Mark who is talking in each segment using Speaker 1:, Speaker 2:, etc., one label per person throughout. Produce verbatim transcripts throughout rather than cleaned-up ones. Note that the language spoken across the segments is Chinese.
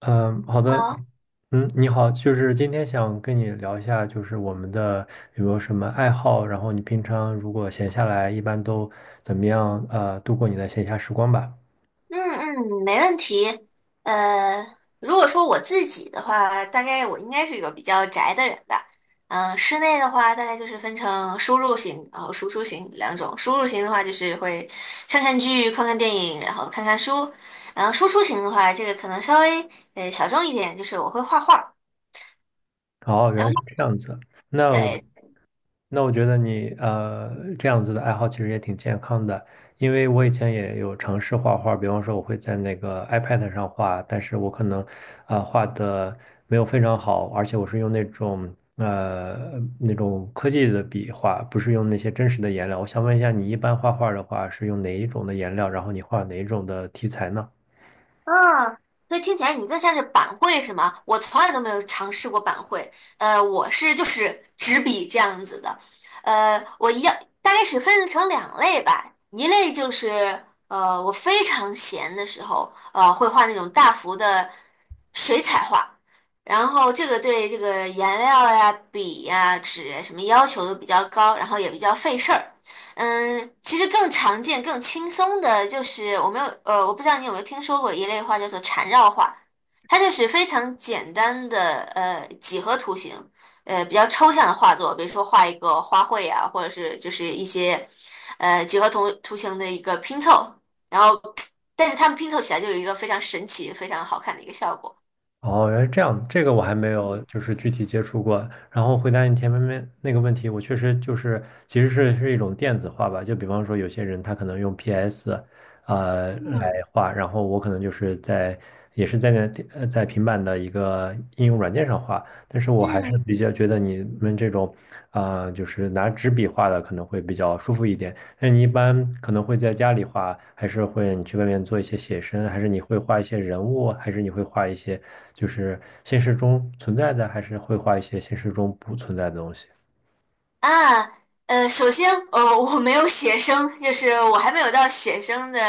Speaker 1: 嗯，好的，嗯，你好，就是今天想跟你聊一下，就是我们的有没有什么爱好，然后你平常如果闲下来，一般都怎么样，呃，度过你的闲暇时光吧？
Speaker 2: 嗯嗯，没问题。呃，如果说我自己的话，大概我应该是一个比较宅的人吧。嗯、室内的话，大概就是分成输入型然后输出型两种。输入型的话，就是会看看剧、看看电影，然后看看书。然后输出型的话，这个可能稍微呃小众一点，就是我会画画。
Speaker 1: 哦，
Speaker 2: 然
Speaker 1: 原来是
Speaker 2: 后。
Speaker 1: 这样子。那我
Speaker 2: 对。
Speaker 1: 那我觉得你呃这样子的爱好其实也挺健康的，因为我以前也有尝试画画，比方说我会在那个 iPad 上画，但是我可能啊、呃画的没有非常好，而且我是用那种呃那种科技的笔画，不是用那些真实的颜料。我想问一下，你一般画画的话是用哪一种的颜料，然后你画哪一种的题材呢？
Speaker 2: 嗯，所以听起来你更像是板绘是吗？我从来都没有尝试过板绘，呃，我是就是纸笔这样子的，呃，我一样大概是分成两类吧，一类就是呃我非常闲的时候，呃会画那种大幅的水彩画，然后这个对这个颜料呀、笔呀、纸呀什么要求都比较高，然后也比较费事儿。嗯，其实更常见、更轻松的就是我没有呃，我不知道你有没有听说过一类画叫做缠绕画，它就是非常简单的呃几何图形，呃比较抽象的画作，比如说画一个花卉啊，或者是就是一些呃几何图图形的一个拼凑，然后但是它们拼凑起来就有一个非常神奇、非常好看的一个效果。
Speaker 1: 哦，原来这样，这个我还没有
Speaker 2: 嗯
Speaker 1: 就是具体接触过。然后回答你前面面那个问题，我确实就是其实是是一种电子化吧，就比方说有些人他可能用 P S,呃来
Speaker 2: 嗯
Speaker 1: 嗯画，然后我可能就是在也是在那电呃在平板的一个应用软件上画，但是我还
Speaker 2: 嗯，
Speaker 1: 是比较觉得你们这种，啊、就是拿纸笔画的可能会比较舒服一点。那你一般可能会在家里画，还是会你去外面做一些写生，还是你会画一些人物，还是你会画一些就是现实中存在的，还是会画一些现实中不存在的东西？
Speaker 2: 啊，呃，首先，呃，我没有写生，就是我还没有到写生的，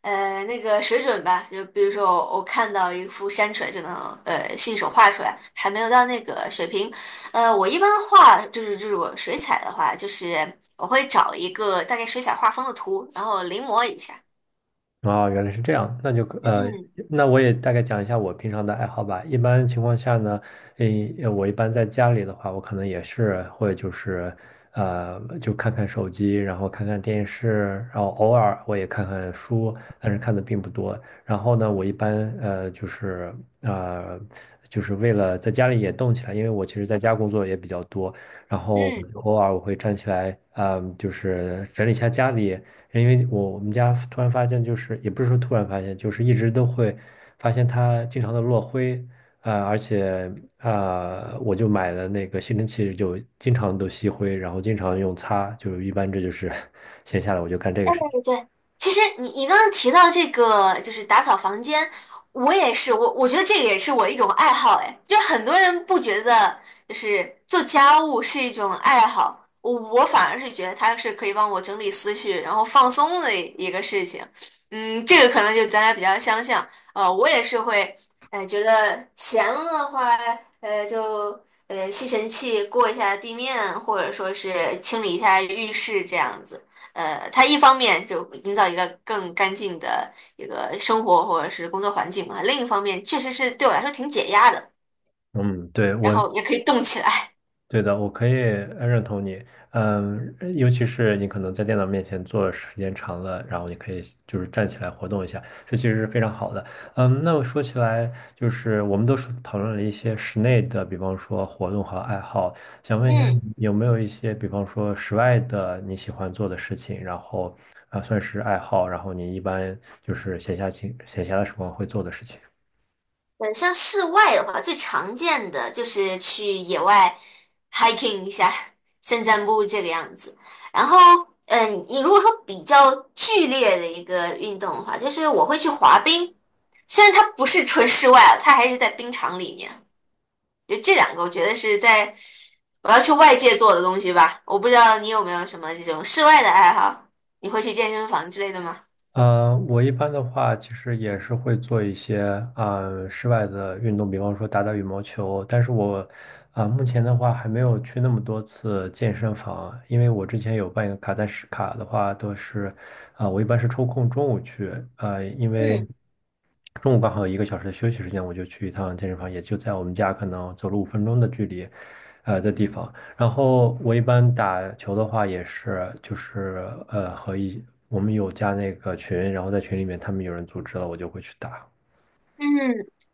Speaker 2: 呃，那个水准吧。就比如说我，我看到一幅山水就能，呃，信手画出来，还没有到那个水平。呃，我一般画就是这种水彩的话，就是我会找一个大概水彩画风的图，然后临摹一下。
Speaker 1: 哦，原来是这样，那就呃，
Speaker 2: 嗯
Speaker 1: 那我也大概讲一下我平常的爱好吧。一般情况下呢，诶，呃我一般在家里的话，我可能也是会就是呃，就看看手机，然后看看电视，然后偶尔我也看看书，但是看的并不多。然后呢，我一般呃就是呃就是为了在家里也动起来，因为我其实在家工作也比较多，然后我
Speaker 2: 嗯，
Speaker 1: 就偶尔我会站起来，嗯、就是整理一下家里。因为我我们家突然发现，就是也不是说突然发现，就是一直都会发现它经常的落灰，啊，而且啊呃，我就买了那个吸尘器，就经常都吸灰，然后经常用擦，就是一般这就是 闲下来我就干这个事情。
Speaker 2: 对对，其实你你刚刚提到这个就是打扫房间，我也是，我我觉得这个也是我一种爱好，哎，就是很多人不觉得就是做家务是一种爱好，我我反而是觉得它是可以帮我整理思绪，然后放松的一个事情。嗯，这个可能就咱俩比较相像，呃，我也是会，哎、觉得闲了的话，呃，就呃吸尘器过一下地面，或者说是清理一下浴室这样子。呃，它一方面就营造一个更干净的一个生活或者是工作环境嘛，另一方面确实是对我来说挺解压的，
Speaker 1: 嗯，对，
Speaker 2: 然
Speaker 1: 我。
Speaker 2: 后也可以动起来。
Speaker 1: 对的，我可以呃认同你，嗯，尤其是你可能在电脑面前坐的时间长了，然后你可以就是站起来活动一下，这其实是非常好的。嗯，那我说起来，就是我们都是讨论了一些室内的，比方说活动和爱好，想问一下
Speaker 2: 嗯，
Speaker 1: 你有没有一些，比方说室外的你喜欢做的事情，然后啊算是爱好，然后你一般就是闲暇情闲暇的时光会做的事情。
Speaker 2: 呃，像室外的话，最常见的就是去野外 hiking 一下，散散步这个样子。然后，嗯，你如果说比较剧烈的一个运动的话，就是我会去滑冰，虽然它不是纯室外啊，它还是在冰场里面。就这两个，我觉得是在我要去外界做的东西吧。我不知道你有没有什么这种室外的爱好，你会去健身房之类的吗？
Speaker 1: 呃，我一般的话，其实也是会做一些啊、呃室外的运动，比方说打打羽毛球。但是我啊、目前的话还没有去那么多次健身房，因为我之前有办一个卡，但是卡的话都是啊、我一般是抽空中午去，呃，因为
Speaker 2: 嗯
Speaker 1: 中午刚好有一个小时的休息时间，我就去一趟健身房，也就在我们家可能走路五分钟的距离，呃的地方。然后我一般打球的话也是，就是呃和一我们有加那个群，然后在群里面他们有人组织了，我就会去打。
Speaker 2: 嗯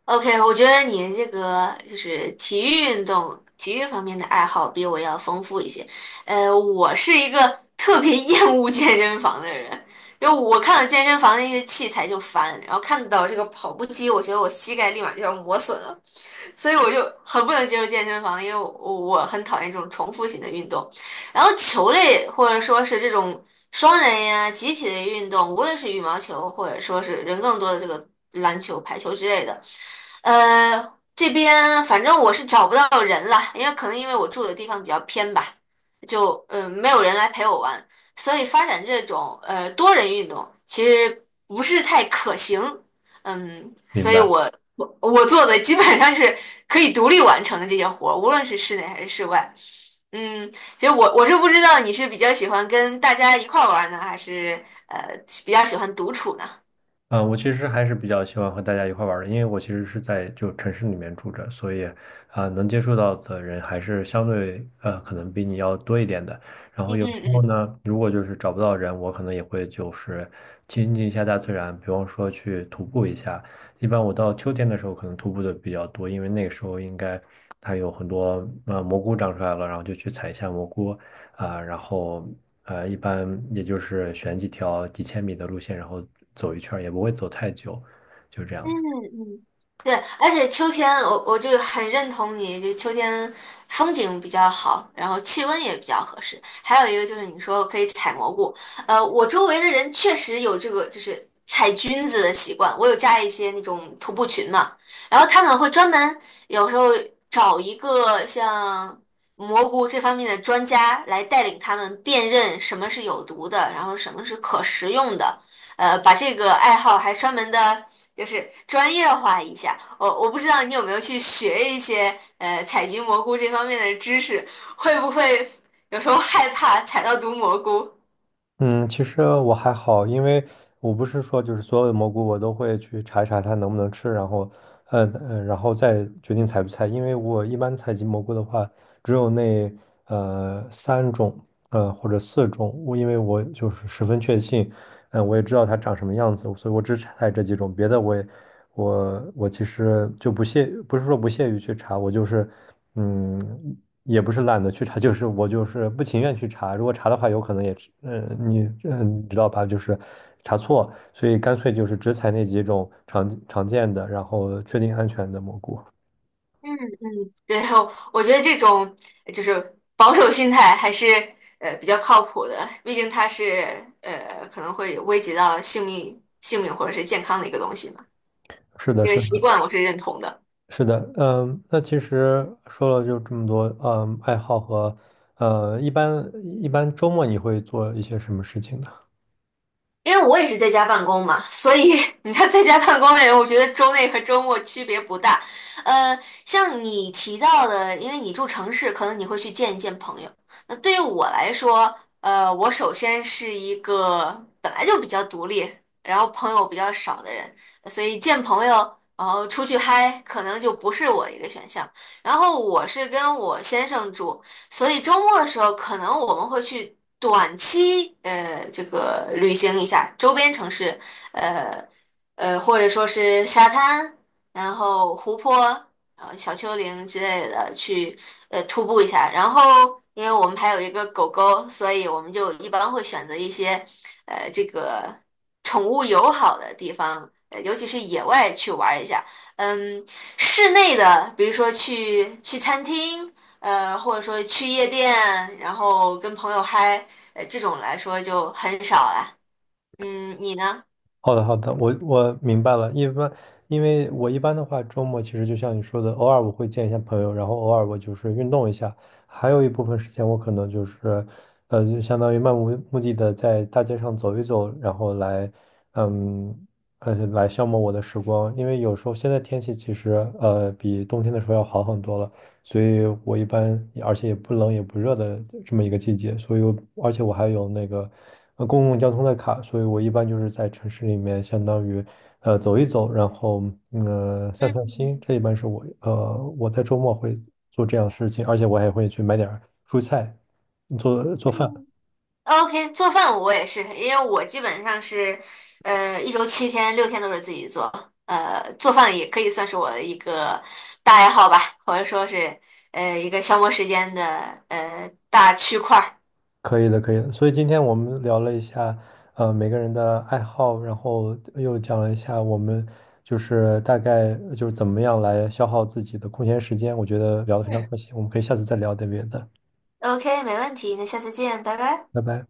Speaker 2: ，OK，我觉得你这个就是体育运动、体育方面的爱好比我要丰富一些。呃，我是一个 特别厌恶健身房的人，因为我看到健身房那些器材就烦，然后看到这个跑步机，我觉得我膝盖立马就要磨损了。所以我就很不能接受健身房，因为我我很讨厌这种重复型的运动。然后球类或者说是这种双人呀、集体的运动，无论是羽毛球或者说是人更多的这个篮球、排球之类的，呃，这边反正我是找不到人了，因为可能因为我住的地方比较偏吧，就嗯、呃没有人来陪我玩，所以发展这种呃多人运动其实不是太可行。嗯，
Speaker 1: 明
Speaker 2: 所以
Speaker 1: 白。
Speaker 2: 我我我做的基本上是可以独立完成的这些活儿，无论是室内还是室外。嗯，其实我我是不知道你是比较喜欢跟大家一块儿玩呢，还是呃比较喜欢独处呢？
Speaker 1: 啊、我其实还是比较喜欢和大家一块儿玩儿的，因为我其实是在就城市里面住着，所以啊、能接触到的人还是相对呃可能比你要多一点的。然后
Speaker 2: 嗯
Speaker 1: 有时
Speaker 2: 嗯
Speaker 1: 候
Speaker 2: 嗯。
Speaker 1: 呢，如果就是找不到人，我可能也会就是亲近一下大自然，比方说去徒步一下。一般我到秋天的时候可能徒步的比较多，因为那个时候应该它有很多呃蘑菇长出来了，然后就去采一下蘑菇。啊、然后呃，一般也就是选几条几千米的路线，然后走一圈儿也不会走太久，就这样
Speaker 2: 嗯
Speaker 1: 子。
Speaker 2: 嗯，对，而且秋天我我就很认同你，就秋天风景比较好，然后气温也比较合适。还有一个就是你说可以采蘑菇，呃，我周围的人确实有这个就是采菌子的习惯。我有加一些那种徒步群嘛，然后他们会专门有时候找一个像蘑菇这方面的专家来带领他们辨认什么是有毒的，然后什么是可食用的。呃，把这个爱好还专门的。就是专业化一下。我我不知道你有没有去学一些呃采集蘑菇这方面的知识，会不会有时候害怕采到毒蘑菇？
Speaker 1: 嗯，其实我还好，因为我不是说就是所有的蘑菇我都会去查一查它能不能吃，然后，呃呃，然后再决定采不采。因为我一般采集蘑菇的话，只有那呃三种，呃或者四种，我因为我就是十分确信，嗯，我也知道它长什么样子，所以我只采这几种，别的我也，我我其实就不屑，不是说不屑于去查，我就是，嗯，也不是懒得去查，就是我就是不情愿去查，如果查的话，有可能也是，嗯，你嗯，你知道吧，就是查错，所以干脆就是只采那几种常常见的，然后确定安全的蘑菇。
Speaker 2: 嗯嗯，对，我我觉得这种呃就是保守心态还是呃比较靠谱的，毕竟它是呃可能会危及到性命、性命或者是健康的一个东西嘛。
Speaker 1: 是的，
Speaker 2: 这个
Speaker 1: 是
Speaker 2: 习
Speaker 1: 的。
Speaker 2: 惯我是认同的。
Speaker 1: 是的，嗯，那其实说了就这么多，嗯，爱好和，呃，一般一般周末你会做一些什么事情呢？
Speaker 2: 因为我也是在家办公嘛，所以 你知道在家办公的人，我觉得周内和周末区别不大。呃，像你提到的，因为你住城市，可能你会去见一见朋友。那对于我来说，呃，我首先是一个本来就比较独立，然后朋友比较少的人，所以见朋友，然后出去嗨，可能就不是我一个选项。然后我是跟我先生住。所以周末的时候，可能我们会去短期呃这个旅行一下周边城市，呃呃或者说是沙滩，然后湖泊，呃小丘陵之类的去呃徒步一下。然后因为我们还有一个狗狗，所以我们就一般会选择一些呃这个宠物友好的地方，呃尤其是野外去玩一下。嗯，室内的，比如说去去餐厅。呃，或者说去夜店，然后跟朋友嗨，呃，这种来说就很少了。嗯，你呢？
Speaker 1: 好的，好的，我我明白了。一般，因为我一般的话，周末其实就像你说的，偶尔我会见一下朋友，然后偶尔我就是运动一下，还有一部分时间我可能就是，呃，就相当于漫无目的的在大街上走一走，然后来，嗯。呃，来消磨我的时光，因为有时候现在天气其实呃比冬天的时候要好很多了，所以我一般而且也不冷也不热的这么一个季节，所以我而且我还有那个呃公共交通的卡，所以我一般就是在城市里面相当于呃走一走，然后嗯呃散散
Speaker 2: 嗯
Speaker 1: 心，这一般是我呃我在周末会做这样的事情，而且我还会去买点儿蔬菜做做饭。
Speaker 2: 嗯，OK，做饭我也是，因为我基本上是，呃，一周七天，六天都是自己做，呃，做饭也可以算是我的一个大爱好吧，或者说是，呃，一个消磨时间的，呃，大区块儿。
Speaker 1: 可以的，可以的。所以今天我们聊了一下，呃，每个人的爱好，然后又讲了一下我们就是大概就是怎么样来消耗自己的空闲时间。我觉得聊得非常
Speaker 2: 嗯
Speaker 1: 开心，我们可以下次再聊点别的。
Speaker 2: OK，没问题，那下次见，拜拜。
Speaker 1: 拜拜。